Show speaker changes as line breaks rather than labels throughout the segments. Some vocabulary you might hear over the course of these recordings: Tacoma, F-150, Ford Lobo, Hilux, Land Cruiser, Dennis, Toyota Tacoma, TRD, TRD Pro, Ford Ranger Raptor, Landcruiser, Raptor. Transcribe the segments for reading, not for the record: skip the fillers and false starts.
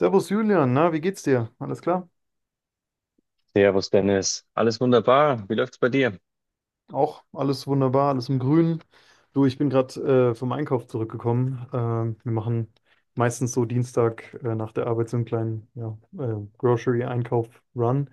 Servus Julian, na, wie geht's dir? Alles klar?
Servus Dennis, alles wunderbar. Wie läuft's bei dir?
Auch alles wunderbar, alles im Grünen. Du, ich bin gerade vom Einkauf zurückgekommen. Wir machen meistens so Dienstag nach der Arbeit so einen kleinen ja, Grocery-Einkauf-Run.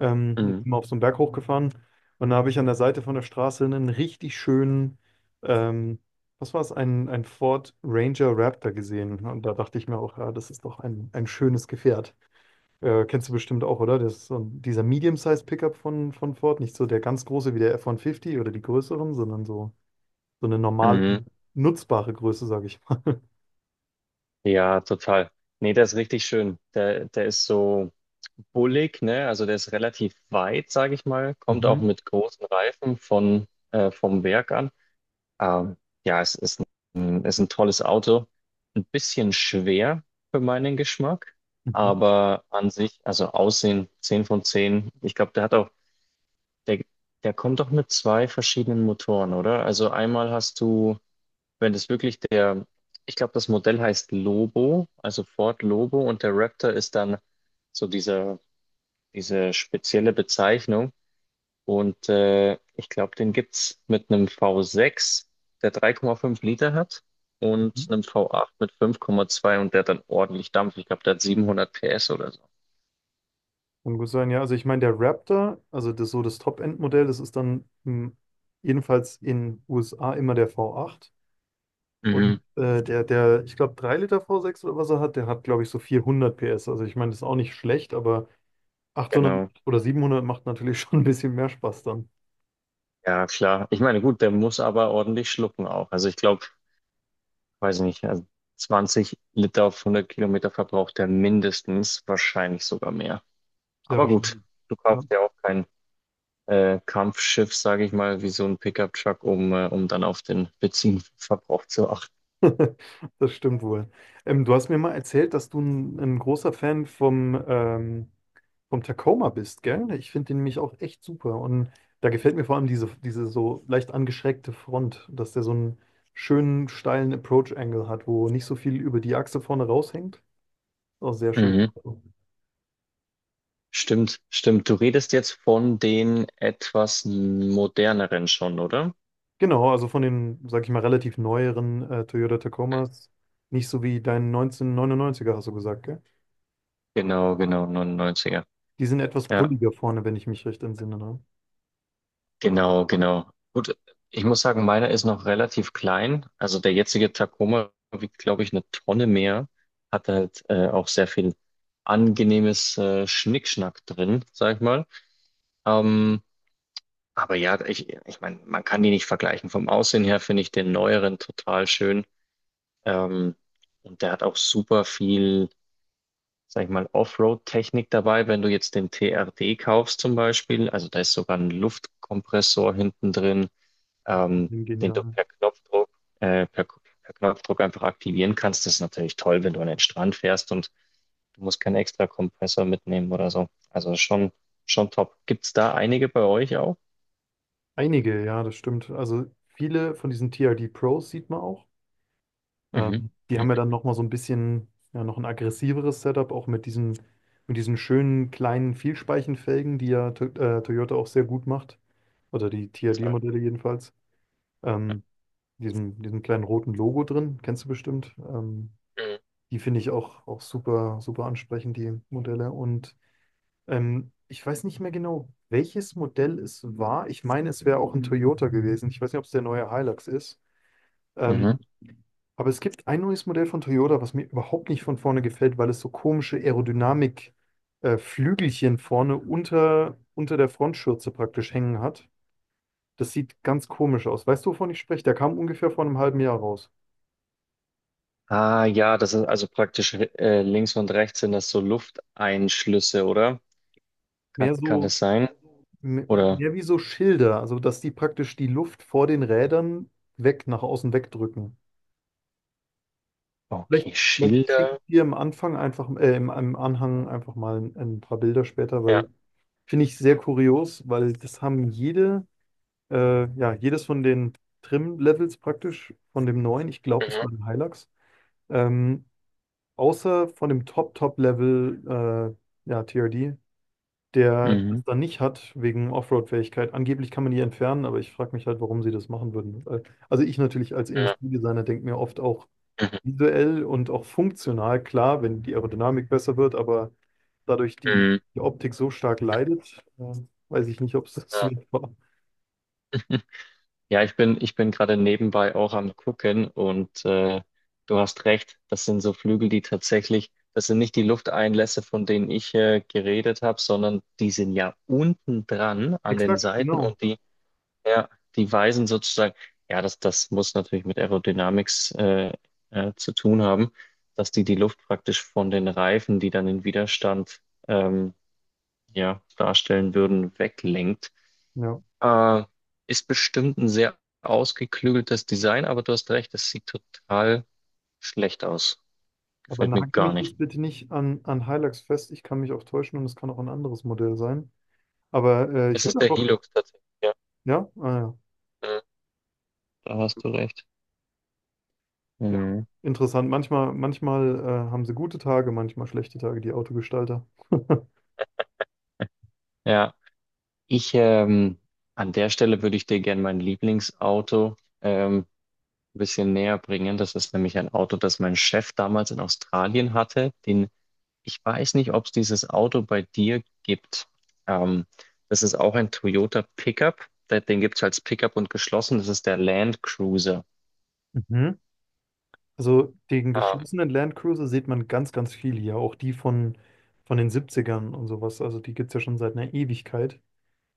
Und sind
Mhm.
mal auf so einen Berg hochgefahren und da habe ich an der Seite von der Straße einen richtig schönen, ähm, was war es, ein Ford Ranger Raptor gesehen. Und da dachte ich mir auch, ja, das ist doch ein schönes Gefährt. Kennst du bestimmt auch, oder? Das ist dieser Medium-Size-Pickup von Ford. Nicht so der ganz große wie der F-150 oder die größeren, sondern so eine normale,
Mhm.
nutzbare Größe, sage ich mal.
Ja, total. Nee, der ist richtig schön. Der ist so bullig, ne? Also der ist relativ weit, sage ich mal. Kommt auch
Mhm.
mit großen Reifen vom Werk an. Ähm, ja, es ist ist ein tolles Auto. Ein bisschen schwer für meinen Geschmack,
Mhm.
aber an sich, also Aussehen 10 von 10. Ich glaube, der hat auch, der, der kommt doch mit zwei verschiedenen Motoren, oder? Also einmal hast du. Wenn das wirklich der, ich glaube, das Modell heißt Lobo, also Ford Lobo, und der Raptor ist dann so diese spezielle Bezeichnung. Und ich glaube, den gibt's mit einem V6, der 3,5 Liter hat, und
Mhm.
einem V8 mit 5,2, und der dann ordentlich dampft. Ich glaube, der hat 700 PS oder so.
Kann gut sein, ja. Also ich meine, der Raptor, also das Top-End-Modell, das ist dann jedenfalls in USA immer der V8.
Mhm.
Und der, ich glaube, 3 Liter V6 oder was er hat, der hat, glaube ich, so 400 PS. Also ich meine, das ist auch nicht schlecht, aber 800
Genau.
oder 700 macht natürlich schon ein bisschen mehr Spaß dann.
Ja, klar. Ich meine, gut, der muss aber ordentlich schlucken auch. Also ich glaube, weiß ich nicht, also 20 Liter auf 100 Kilometer verbraucht er mindestens, wahrscheinlich sogar mehr.
Sehr
Aber gut,
wahrscheinlich.
du
Ja.
kaufst ja auch kein Kampfschiff, sage ich mal, wie so ein Pickup-Truck, um dann auf den Benzinverbrauch zu achten.
Das stimmt wohl. Du hast mir mal erzählt, dass du ein großer Fan vom Tacoma bist, gell? Ich finde den nämlich auch echt super. Und da gefällt mir vor allem diese so leicht angeschrägte Front, dass der so einen schönen, steilen Approach-Angle hat, wo nicht so viel über die Achse vorne raushängt. Auch sehr schön.
Mhm. Stimmt, stimmt. Du redest jetzt von den etwas moderneren schon, oder?
Genau, also von den, sag ich mal, relativ neueren Toyota Tacomas, nicht so wie dein 1999er, hast du gesagt, gell?
Genau, genau, 99.
Die sind etwas
Ja.
bulliger vorne, wenn ich mich recht entsinne. Ne?
Genau, genau. Gut, ich muss sagen, meiner ist noch relativ klein. Also der jetzige Tacoma wiegt, glaube ich, eine Tonne mehr. Hat halt auch sehr viel angenehmes Schnickschnack drin, sag ich mal. Ähm, aber ja, ich meine, man kann die nicht vergleichen. Vom Aussehen her finde ich den neueren total schön. Ähm, und der hat auch super viel, sag ich mal, Offroad-Technik dabei. Wenn du jetzt den TRD kaufst zum Beispiel, also da ist sogar ein Luftkompressor hinten drin, ähm, den du
Genial.
äh, per, per Knopfdruck einfach aktivieren kannst. Das ist natürlich toll, wenn du an den Strand fährst und du musst keinen extra Kompressor mitnehmen oder so. Also schon, schon top. Gibt's da einige bei euch auch?
Einige, ja, das stimmt. Also viele von diesen TRD Pros sieht man auch.
Mhm.
Die
Mhm.
haben ja dann nochmal so ein bisschen, ja, noch ein aggressiveres Setup, auch mit diesen schönen kleinen Vielspeichenfelgen, die ja to Toyota auch sehr gut macht. Oder die TRD
Total.
Modelle jedenfalls.
Ja.
Ähm, diesen kleinen roten Logo drin, kennst du bestimmt. Die finde ich auch super, super ansprechend, die Modelle. Und ich weiß nicht mehr genau, welches Modell es war. Ich meine, es wäre auch ein Toyota gewesen. Ich weiß nicht, ob es der neue Hilux ist.
Mhm. Mhm.
Ähm, aber es gibt ein neues Modell von Toyota, was mir überhaupt nicht von vorne gefällt, weil es so komische Aerodynamik, Flügelchen vorne unter der Frontschürze praktisch hängen hat. Das sieht ganz komisch aus. Weißt du, wovon ich spreche? Der kam ungefähr vor einem halben Jahr raus.
Ah ja, das ist also praktisch, links und rechts sind das so Lufteinschlüsse, oder? Kann,
Mehr
kann
so,
das sein?
m-
Oder
mehr wie so Schilder, also dass die praktisch die Luft vor den Rädern weg, nach außen wegdrücken. Vielleicht,
okay,
vielleicht schicke
Schilder.
ich dir am Anfang einfach, im Anhang einfach mal ein paar Bilder später,
Ja.
weil finde ich sehr kurios, weil das haben ja, jedes von den Trim-Levels praktisch, von dem neuen, ich glaube, es
Mhm.
war ein Hilux, ähm, außer von dem Top-Top-Level, ja, TRD, der das
Mhm.
dann nicht hat, wegen Offroad-Fähigkeit. Angeblich kann man die entfernen, aber ich frage mich halt, warum sie das machen würden. Also ich natürlich als
Ja.
Industriedesigner denke mir oft auch,
Mhm.
visuell und auch funktional, klar, wenn die Aerodynamik besser wird, aber dadurch
Mhm.
die Optik so stark leidet, weiß ich nicht, ob es das
Ja.
wert war.
Ja, ich bin gerade nebenbei auch am Gucken und du hast recht, das sind so Flügel, die tatsächlich, das sind nicht die Lufteinlässe, von denen ich geredet habe, sondern die sind ja unten dran an den
Exakt,
Seiten,
genau.
und die, ja, die weisen sozusagen, ja, das muss natürlich mit Aerodynamics zu tun haben, dass die die Luft praktisch von den Reifen, die dann den Widerstand, ähm, ja, darstellen würden, weglenkt.
Ja.
Äh, Ist bestimmt ein sehr ausgeklügeltes Design, aber du hast recht, es sieht total schlecht aus.
Aber
Gefällt mir
nagel
gar
mich
nicht.
jetzt bitte nicht an Hilux fest. Ich kann mich auch täuschen und es kann auch ein anderes Modell sein. Aber ich
Es
würde
ist der
einfach,
Hilux tatsächlich. Ja,
ja, ah, ja,
äh, da hast du recht.
ja,
Mhm.
interessant. Manchmal haben sie gute Tage, manchmal schlechte Tage, die Autogestalter.
Ja, ich an der Stelle würde ich dir gerne mein Lieblingsauto ein bisschen näher bringen. Das ist nämlich ein Auto, das mein Chef damals in Australien hatte, den Ich weiß nicht, ob es dieses Auto bei dir gibt. Ähm, Das ist auch ein Toyota Pickup. Den gibt es als Pickup und geschlossen. Das ist der Land Cruiser.
Mhm. Also den
Ah,
geschlossenen Landcruiser sieht man ganz, ganz viel hier, auch die von den Siebzigern und sowas. Also die gibt es ja schon seit einer Ewigkeit.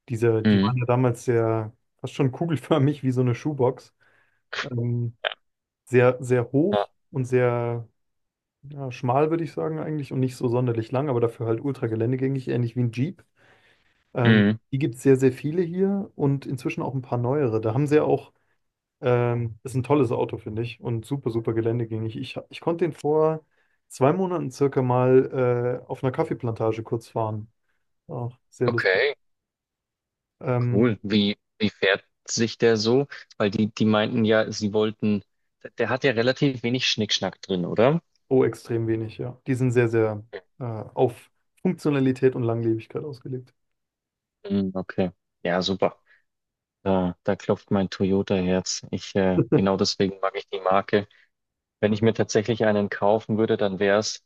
Die
mhm.
waren ja damals fast schon kugelförmig wie so eine Schuhbox. Ähm, sehr, sehr
Ja,
hoch und sehr ja, schmal, würde ich sagen eigentlich, und nicht so sonderlich lang, aber dafür halt ultra geländegängig, ähnlich wie ein Jeep. Ähm,
mhm.
die gibt es sehr, sehr viele hier und inzwischen auch ein paar neuere. Da haben sie ja auch ist ein tolles Auto, finde ich, und super, super geländegängig. Ich konnte den vor 2 Monaten circa mal auf einer Kaffeeplantage kurz fahren. Auch sehr lustig.
Okay,
Ähm,
cool. Wie fährt sich der so? Weil die meinten ja, sie wollten, der hat ja relativ wenig Schnickschnack drin, oder?
oh, extrem wenig, ja. Die sind sehr, sehr auf Funktionalität und Langlebigkeit ausgelegt.
Mhm, okay. Ja, super. Da klopft mein Toyota-Herz. Genau deswegen mag ich die Marke. Wenn ich mir tatsächlich einen kaufen würde, dann wär's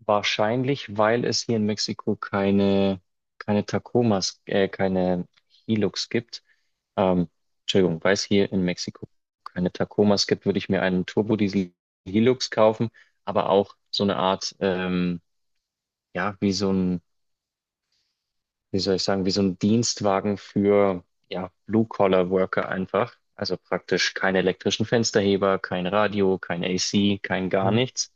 wahrscheinlich, weil es hier in Mexiko keine, Tacomas, keine Hilux gibt. Ähm, Entschuldigung, weil es hier in Mexiko keine Tacomas gibt, würde ich mir einen Turbodiesel Hilux kaufen, aber auch so eine Art, ja, wie soll ich sagen, wie so ein Dienstwagen für, ja, Blue-Collar-Worker einfach. Also praktisch keine elektrischen Fensterheber, kein Radio, kein AC, kein gar
Ja.
nichts.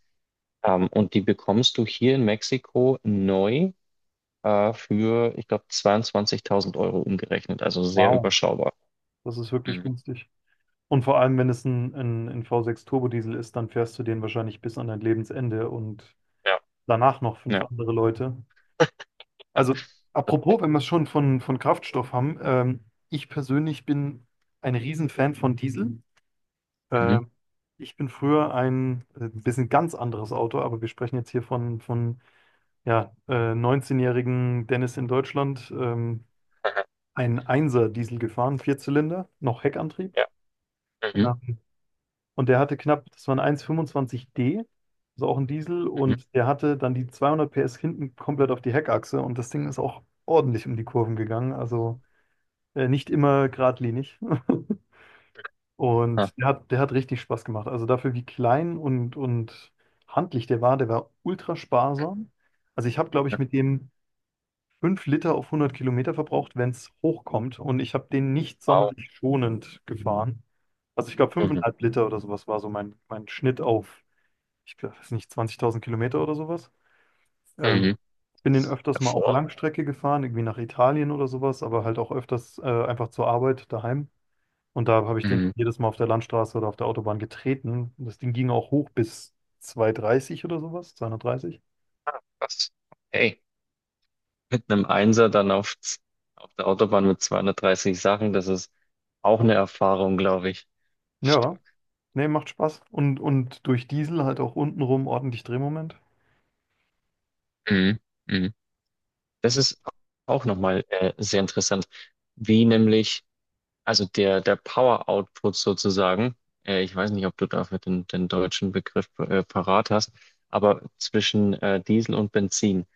Und die bekommst du hier in Mexiko neu für, ich glaube, 22.000 Euro umgerechnet, also sehr
Wow,
überschaubar.
das ist wirklich
Mhm.
günstig. Und vor allem, wenn es ein V6 Turbodiesel ist, dann fährst du den wahrscheinlich bis an dein Lebensende und
Ja,
danach noch fünf
ja.
andere Leute. Also, apropos, wenn wir es schon von Kraftstoff haben, ich persönlich bin ein Riesenfan von Diesel.
Mhm.
Äh, ich bin früher ein bisschen ganz anderes Auto, aber wir sprechen jetzt hier von ja, 19-jährigen Dennis in Deutschland,
Aha.
ein 1 Diesel gefahren, Vierzylinder, noch Heckantrieb.
Ja. Mhm.
Ja. Und der hatte knapp, das war ein 1,25D, also auch ein Diesel,
Mhm.
und der hatte dann die 200 PS hinten komplett auf die Heckachse und das Ding ist auch ordentlich um die Kurven gegangen. Also nicht immer geradlinig.
Ah,
Und der hat richtig Spaß gemacht. Also dafür, wie klein und handlich der war ultra sparsam. Also ich habe, glaube
ja.
ich, mit dem 5 Liter auf 100 Kilometer verbraucht, wenn es hochkommt. Und ich habe den nicht
Wow.
sonderlich schonend gefahren. Also ich glaube,
Mhm.
5,5 Liter oder sowas war so mein Schnitt auf, ich glaub, weiß nicht, 20.000 Kilometer oder sowas. Ähm,
Mhm.
bin den öfters mal auch
Davor.
Langstrecke gefahren, irgendwie nach Italien oder sowas, aber halt auch öfters einfach zur Arbeit daheim. Und da habe ich den
Mhm.
jedes Mal auf der Landstraße oder auf der Autobahn getreten. Das Ding ging auch hoch bis 230 oder sowas, 230.
Was? Hey, mit einem Einser dann auf der Autobahn mit 230 Sachen, das ist auch eine Erfahrung, glaube ich.
Ja,
Stark.
nee, macht Spaß. Und durch Diesel halt auch untenrum ordentlich Drehmoment.
Mhm. Mhm. Das ist auch nochmal sehr interessant, wie nämlich, also der Power Output sozusagen, ich weiß nicht, ob du dafür den deutschen Begriff parat hast, aber zwischen Diesel und Benzin.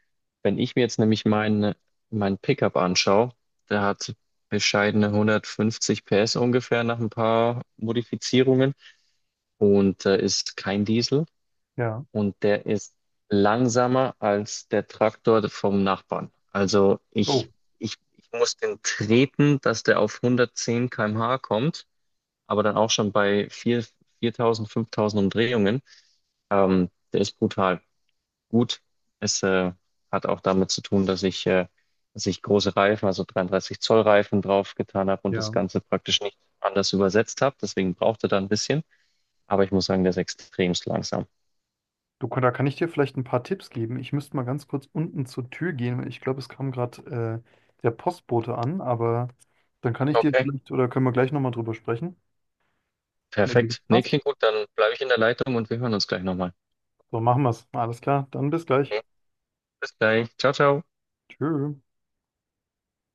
Wenn ich mir jetzt nämlich mein Pickup anschaue, der hat bescheidene 150 PS ungefähr nach ein paar Modifizierungen, und ist kein Diesel,
Ja.
und der ist langsamer als der Traktor vom Nachbarn. Also ich,
Oh,
ich, ich muss den treten, dass der auf 110 km/h kommt, aber dann auch schon bei 4.000 5.000 Umdrehungen. Der ist brutal gut. Es hat auch damit zu tun, dass ich große Reifen, also 33 Zoll Reifen drauf getan habe, und das
ja.
Ganze praktisch nicht anders übersetzt habe. Deswegen braucht er da ein bisschen. Aber ich muss sagen, der ist extremst langsam.
Du, da kann ich dir vielleicht ein paar Tipps geben. Ich müsste mal ganz kurz unten zur Tür gehen, weil ich glaube, es kam gerade der Postbote an, aber dann kann ich dir
Okay,
vielleicht oder können wir gleich nochmal drüber sprechen. Wenn dir das
perfekt. Nee,
passt.
klingt gut. Dann bleibe ich in der Leitung und wir hören uns gleich nochmal.
So, machen wir es. Alles klar, dann bis gleich.
Bis gleich. Ciao, ciao.
Tschö.